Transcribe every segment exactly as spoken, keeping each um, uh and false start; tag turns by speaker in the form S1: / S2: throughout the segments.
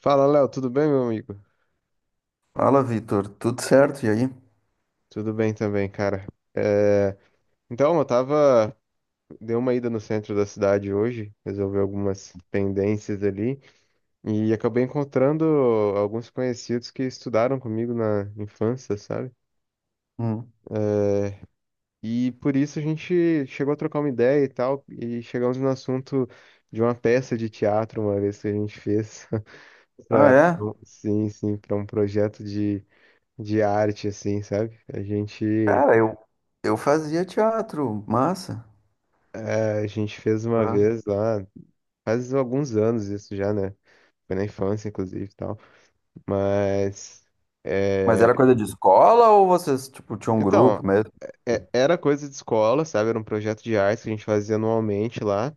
S1: Fala, Léo, tudo bem, meu amigo?
S2: Fala, Vitor. Tudo certo? E aí?
S1: Tudo bem também, cara. É, Então, eu tava. Dei uma ida no centro da cidade hoje, resolvi algumas pendências ali, e acabei encontrando alguns conhecidos que estudaram comigo na infância, sabe?
S2: Hum.
S1: É, E por isso a gente chegou a trocar uma ideia e tal, e chegamos no assunto de uma peça de teatro uma vez que a gente fez
S2: Ah,
S1: para
S2: é?
S1: sim, sim, para um projeto de, de arte assim, sabe? A gente
S2: Cara, eu, eu fazia teatro, massa.
S1: É, a gente fez uma
S2: Ah.
S1: vez lá, faz alguns anos isso já, né? Foi na infância, inclusive, e tal. Mas,
S2: Mas
S1: é,
S2: era coisa de escola ou vocês, tipo, tinham um
S1: então,
S2: grupo mesmo?
S1: é- era coisa de escola, sabe? Era um projeto de arte que a gente fazia anualmente lá.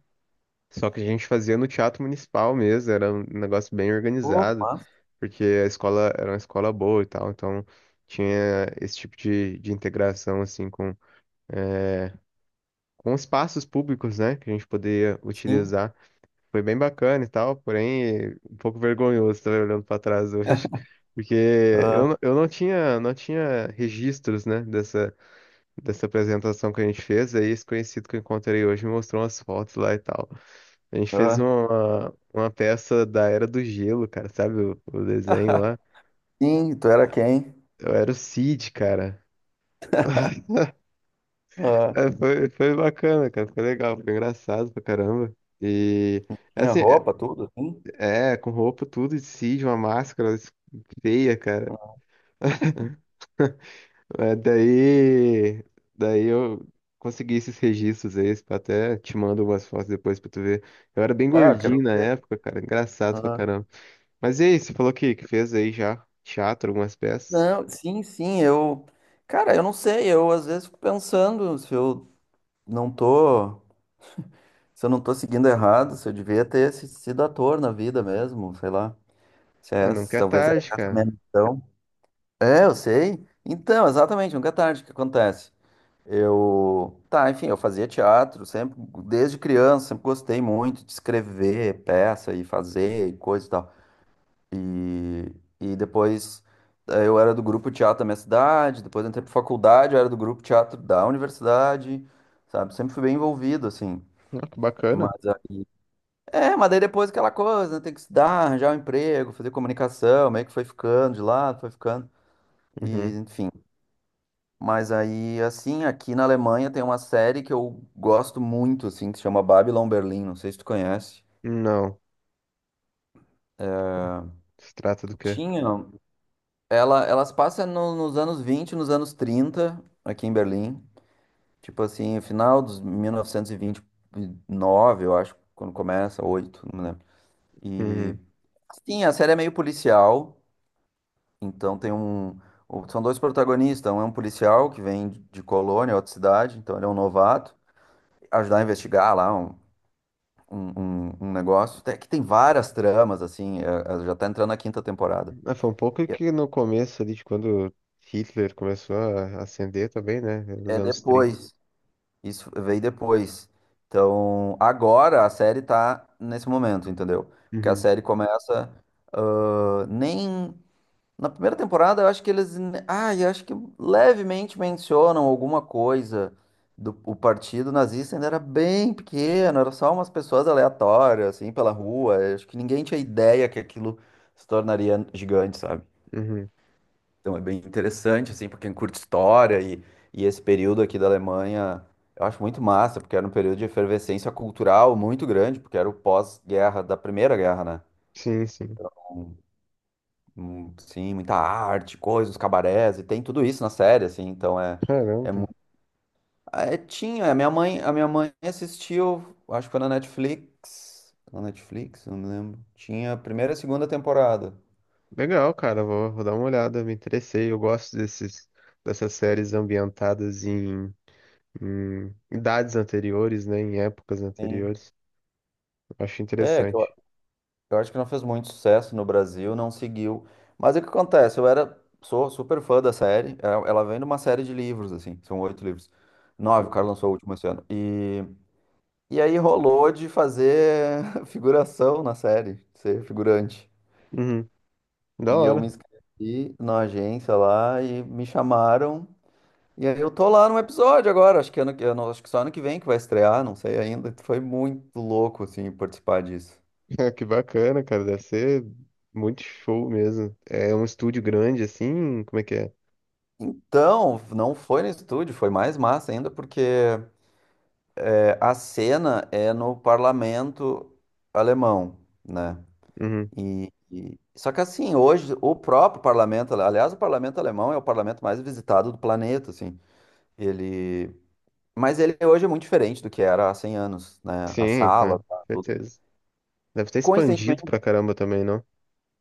S1: Só que a gente fazia no teatro municipal mesmo, era um negócio bem
S2: Pô, que
S1: organizado,
S2: massa.
S1: porque a escola era uma escola boa e tal, então tinha esse tipo de, de integração, assim, com, com espaços públicos, né? Que a gente poderia
S2: Sim.
S1: utilizar. Foi bem bacana e tal, porém um pouco vergonhoso também olhando para trás hoje, porque eu,
S2: Ah,
S1: não- eu não tinha não tinha registros, né, dessa dessa apresentação que a gente fez, aí esse conhecido que eu encontrei hoje me mostrou umas fotos lá e tal. A gente fez
S2: ah.
S1: uma uma peça da Era do Gelo, cara, sabe o, o desenho lá?
S2: Sim, tu era quem?
S1: Eu era o Cid, cara.
S2: Ah,
S1: É, foi, foi bacana, cara, foi legal, foi engraçado pra caramba. E é
S2: tinha
S1: assim,
S2: roupa, tudo, assim?
S1: é, é, com roupa tudo de Cid, uma máscara feia, cara. É, daí, daí eu consegui esses registros aí, pra até te mando umas fotos depois pra tu ver. Eu era bem
S2: Ah, quero.
S1: gordinho na época, cara, engraçado pra
S2: Ah.
S1: caramba. Mas e aí, você falou que, que fez aí já teatro, algumas peças?
S2: Não, sim, sim, eu. Cara, eu não sei, eu às vezes fico pensando se eu não tô. Se eu não tô seguindo errado, se eu devia ter se- sido ator na vida mesmo, sei lá.
S1: Ah, não
S2: Chess,
S1: quer
S2: talvez é
S1: tarde,
S2: essa
S1: cara.
S2: mesmo. Então, é, eu sei. Então, exatamente, nunca é tarde o que acontece. Eu, tá, enfim, eu fazia teatro sempre, desde criança, sempre gostei muito de escrever peça e fazer e coisa e tal. E, e depois eh, eu era do grupo teatro da minha cidade, depois eu entrei pra faculdade, eu era do grupo teatro da universidade, sabe? Sempre fui bem envolvido, assim.
S1: Ah, que bacana.
S2: Mas aí é, mas daí depois aquela coisa, né? Tem que estudar, arranjar um emprego, fazer comunicação, meio que foi ficando de lado, foi ficando.
S1: Uhum.
S2: E, enfim. Mas aí, assim, aqui na Alemanha tem uma série que eu gosto muito, assim, que se chama Babylon Berlim, não sei se tu conhece.
S1: Não, se trata do quê?
S2: Tinha. Ela, elas passam no- nos anos vinte, nos anos trinta, aqui em Berlim. Tipo assim, final dos mil novecentos e vinte e nove, eu acho, quando começa, oito, não me lembro. E,
S1: Uhum.
S2: assim, a série é meio policial. Então tem um. o- São dois protagonistas. Um é um policial que vem de de Colônia, outra cidade, então ele é um novato. Ajudar a investigar lá um, um, um- um negócio. Tem- que tem várias tramas, assim. É- é- já tá entrando na quinta temporada.
S1: Ah, foi um pouco
S2: É
S1: que no começo ali, de quando Hitler começou a ascender também, né, nos
S2: é
S1: anos trinta.
S2: depois. Isso veio depois. Então, agora a série tá nesse momento, entendeu? Porque a
S1: Uhum.
S2: série começa. Ah, nem Na primeira temporada, eu acho que eles. Ah, eu acho que levemente mencionam alguma coisa do o partido nazista ainda era bem pequeno, era só umas pessoas aleatórias, assim, pela rua. Eu acho que ninguém tinha ideia que aquilo se tornaria gigante, sabe?
S1: Uhum.
S2: Então é bem interessante, assim, pra quem curte história e, e esse período aqui da Alemanha, eu acho muito massa, porque era um período de efervescência cultural muito grande, porque era o pós-guerra da Primeira Guerra, né?
S1: Sim, sim.
S2: Hum, sim, muita arte, coisas, cabarés, e tem tudo isso na série, assim, então é, é,
S1: Caramba.
S2: mu- é tinha, a minha mãe, a minha mãe assistiu, acho que foi na Netflix, na Netflix, não me lembro, tinha a primeira e a segunda temporada,
S1: Legal, cara, vou, vou dar uma olhada, me interessei. Eu gosto desses, dessas séries ambientadas em, em idades anteriores, né? Em épocas
S2: sim,
S1: anteriores. Eu acho
S2: é, que eu,
S1: interessante.
S2: eu acho que não fez muito sucesso no Brasil, não seguiu, mas o que acontece, eu era, sou super fã da série, ela ela vem de uma série de livros, assim, são oito livros, nove, o cara
S1: Uhum.
S2: lançou o último esse ano. E aí rolou de fazer figuração na série, ser figurante.
S1: Uhum. Da
S2: E eu me
S1: hora.
S2: inscrevi na agência lá e me chamaram. E aí eu tô lá num episódio agora, acho que ano, que- eu não- acho que só ano que vem que vai estrear, não sei ainda. Foi muito louco, assim, participar disso.
S1: Que bacana, cara. Deve ser muito show mesmo. É um estúdio grande, assim? Como é que é?
S2: Então, não foi no estúdio, foi mais massa ainda, porque é, a cena é no parlamento alemão, né?
S1: Uhum.
S2: E, e- só que assim, hoje o próprio parlamento, aliás, o parlamento alemão é o parlamento mais visitado do planeta, assim. Ele, mas ele hoje é muito diferente do que era há cem anos, né? A
S1: Sim,
S2: sala,
S1: cara,
S2: tá, tudo.
S1: certeza. Deve ter expandido
S2: Coincidentemente,
S1: pra caramba também, não?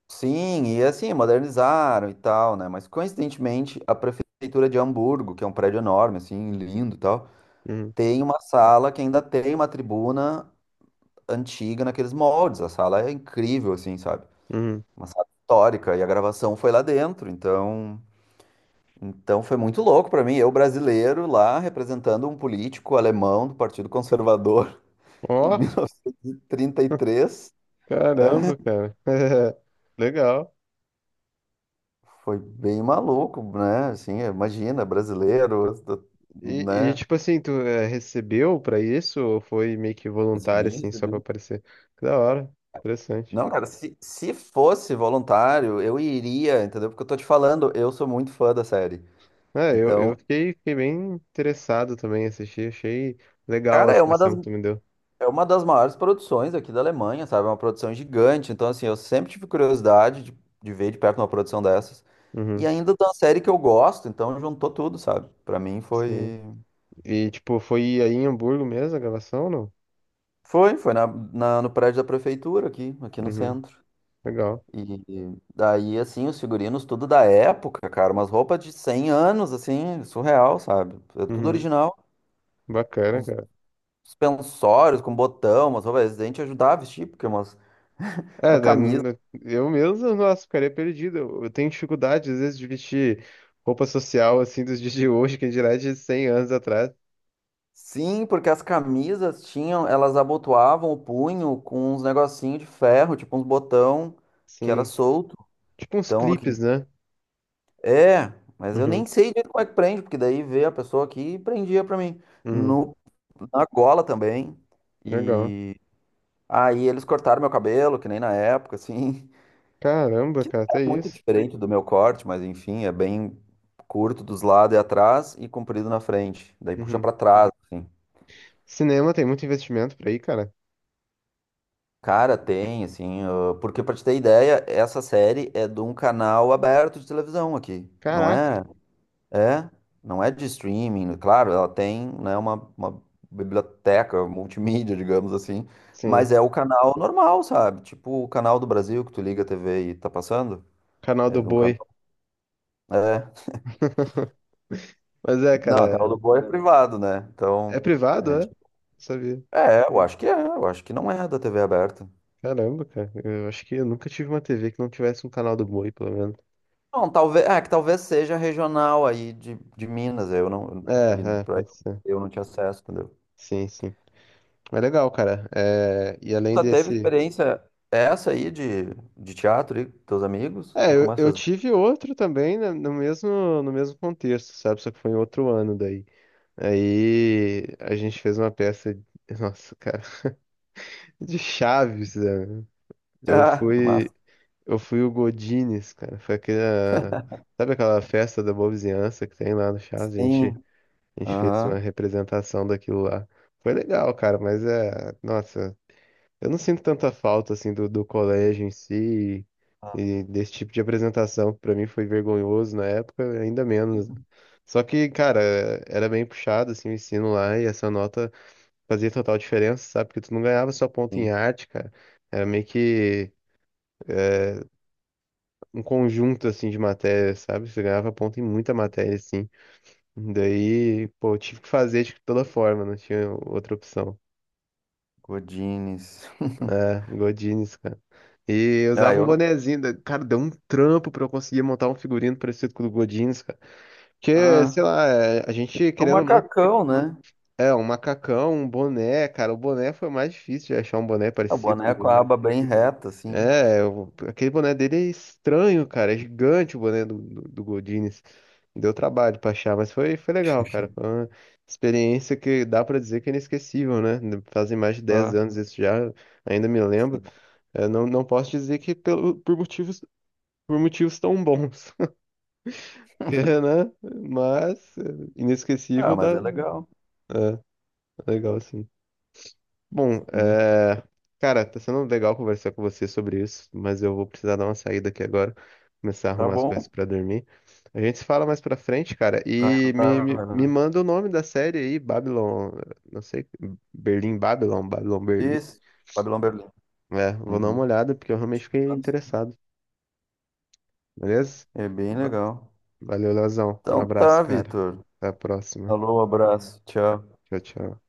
S2: sim, e assim, modernizaram e tal, né? Mas coincidentemente, a prefeitura de Hamburgo, que é um prédio enorme, assim, lindo e tal,
S1: Uhum.
S2: tem uma sala que ainda tem uma tribuna antiga naqueles moldes. A sala é incrível, assim, sabe?
S1: Uhum.
S2: Uma sala histórica e a gravação foi lá dentro, então Então foi muito louco pra mim, eu brasileiro lá representando um político alemão do Partido Conservador em
S1: Ó,
S2: mil novecentos e trinta e três.
S1: caramba, cara. Legal.
S2: Foi bem maluco, né? Assim, imagina, brasileiro,
S1: E, e,
S2: né?
S1: tipo assim, tu eh, recebeu pra isso ou foi meio que voluntário,
S2: Recebi,
S1: assim, só pra
S2: recebi.
S1: aparecer? Que da hora, interessante.
S2: Não, cara, se, se fosse voluntário, eu iria, entendeu? Porque eu tô te falando, eu sou muito fã da série.
S1: É, eu, eu
S2: Então,
S1: fiquei, fiquei bem interessado também em assistir, achei legal a
S2: cara, é uma
S1: inscrição
S2: das,
S1: que tu me deu.
S2: é uma das maiores produções aqui da Alemanha, sabe? É uma produção gigante. Então, assim, eu sempre tive curiosidade de, de ver de perto uma produção dessas. E
S1: Uhum,
S2: ainda de uma série que eu gosto, então juntou tudo, sabe? Pra mim
S1: sim.
S2: foi.
S1: E, tipo, foi aí em Hamburgo mesmo a gravação ou não?
S2: Foi, foi na, na- no prédio da prefeitura aqui, aqui, no
S1: Uhum,
S2: centro.
S1: legal.
S2: E daí, assim, os figurinos, tudo da época, cara, umas roupas de cem anos, assim, surreal, sabe? É tudo
S1: Uhum,
S2: original.
S1: bacana,
S2: Os
S1: cara.
S2: suspensórios com botão, umas roupas, a gente ajudava a vestir, porque umas.
S1: É,
S2: A
S1: né,
S2: camisa.
S1: n- eu mesmo, nossa, ficaria perdido. Eu eu tenho dificuldade, às vezes, de vestir roupa social, assim, dos dias de hoje, que dirá de cem anos atrás.
S2: Sim, porque as camisas tinham, elas abotoavam o punho com uns negocinho de ferro, tipo uns botão que era
S1: Sim.
S2: solto.
S1: Tipo uns
S2: Então,
S1: clipes, né?
S2: é, mas eu
S1: Uhum,
S2: nem sei direito como é que prende, porque daí veio a pessoa aqui e prendia pra mim.
S1: uhum.
S2: No, na gola também.
S1: Legal.
S2: E aí eles cortaram meu cabelo, que nem na época, assim.
S1: Caramba,
S2: Que
S1: cara,
S2: é
S1: até
S2: muito
S1: isso.
S2: diferente do meu corte, mas enfim, é bem curto dos lados e atrás e comprido na frente. Daí puxa
S1: Uhum.
S2: pra trás, assim.
S1: Cinema tem muito investimento por aí, cara.
S2: Cara, tem, assim. ah, Porque pra te ter ideia, essa série é de um canal aberto de televisão aqui. Não
S1: Caraca.
S2: é. É, não é de streaming, claro, ela tem, né, uma, uma biblioteca multimídia, digamos assim,
S1: Sim.
S2: mas é o canal normal, sabe? Tipo o canal do Brasil que tu liga a T V e tá passando.
S1: Canal
S2: É
S1: do
S2: de um canal.
S1: Boi.
S2: É.
S1: Mas é,
S2: Não,
S1: cara,
S2: o canal do
S1: é
S2: Boi é privado, né?
S1: é
S2: Então, é.
S1: privado, é?
S2: gente-
S1: Não sabia.
S2: é, eu acho que é, eu acho que não é da T V aberta.
S1: Caramba, cara. Eu acho que eu nunca tive uma T V que não tivesse um canal do Boi, pelo menos.
S2: Não, talvez, é que talvez seja regional aí de, de Minas, eu não, e
S1: É, é,
S2: pra-
S1: pode ser.
S2: eu não tinha acesso, entendeu?
S1: Sim, sim. É legal, cara. É, e além
S2: Tu teve
S1: desse.
S2: experiência essa aí de, de teatro aí com teus amigos?
S1: É,
S2: Nunca
S1: eu,
S2: mais
S1: eu
S2: fez.
S1: tive outro também, né, no mesmo, no mesmo contexto, sabe? Só que foi em outro ano daí. Aí a gente fez uma peça, de- nossa, cara, de Chaves, né? Eu
S2: Ah,
S1: fui,
S2: massa.
S1: eu fui o Godines, cara. Foi aquela, sabe aquela festa da boa vizinhança que tem lá no Chaves? A gente,
S2: Sim.
S1: a gente fez
S2: Aham.
S1: uma representação daquilo lá. Foi legal, cara, mas é, nossa, eu não sinto tanta falta assim do, do colégio em si e desse tipo de apresentação, que pra mim foi vergonhoso na época, ainda menos, né? Só que, cara, era bem puxado assim o ensino lá e essa nota fazia total diferença, sabe? Porque tu não ganhava só ponto em
S2: Sim.
S1: arte, cara. Era meio que um conjunto, assim, de matérias, sabe? Você ganhava ponto em muita matéria, assim. Daí, pô, eu tive que fazer de toda forma, não tinha outra opção.
S2: Godines.
S1: É, Godinez, cara. E eu
S2: Ah,
S1: usava um
S2: eu não.
S1: bonezinho, da- cara, deu um trampo pra eu conseguir montar um figurino parecido com o do Godinez, cara. Porque,
S2: Ah,
S1: sei lá, é, a gente,
S2: é um
S1: querendo ou não,
S2: macacão, né?
S1: é, um macacão, um boné, cara, o boné foi mais difícil de achar um boné
S2: A
S1: parecido com
S2: boneca
S1: o.
S2: com a aba bem reta, assim.
S1: É, o- aquele boné dele é estranho, cara. É gigante o boné do, do, do Godinez. Deu trabalho pra achar, mas foi, foi legal, cara. Foi uma experiência que dá pra dizer que é inesquecível, né? Fazem mais de dez
S2: Ah,
S1: anos isso já, ainda me lembro.
S2: sim.
S1: Eu não, não posso dizer que pelo, por motivos, por motivos tão bons, que, né? Mas é,
S2: Ah,
S1: inesquecível
S2: mas
S1: dá.
S2: é legal.
S1: É, legal, sim. Bom,
S2: Sim.
S1: é... cara, tá sendo legal conversar com você sobre isso, mas eu vou precisar dar uma saída aqui agora, começar a
S2: Tá
S1: arrumar as coisas
S2: bom.
S1: pra dormir. A gente se fala mais pra frente, cara,
S2: Vai
S1: e me,
S2: lá,
S1: me,
S2: vai
S1: me
S2: lá.
S1: manda o nome da série aí, Babylon, não sei, Berlim Babylon, Babylon Berlim.
S2: Isso. Babylon Berlim.
S1: É, vou dar uma
S2: Uhum.
S1: olhada porque eu realmente fiquei interessado, beleza?
S2: É bem
S1: Va-
S2: legal.
S1: Valeu, Leozão. Um
S2: Então
S1: abraço,
S2: tá,
S1: cara.
S2: Vitor.
S1: Até a próxima.
S2: Alô, abraço. Tchau.
S1: Tchau, tchau.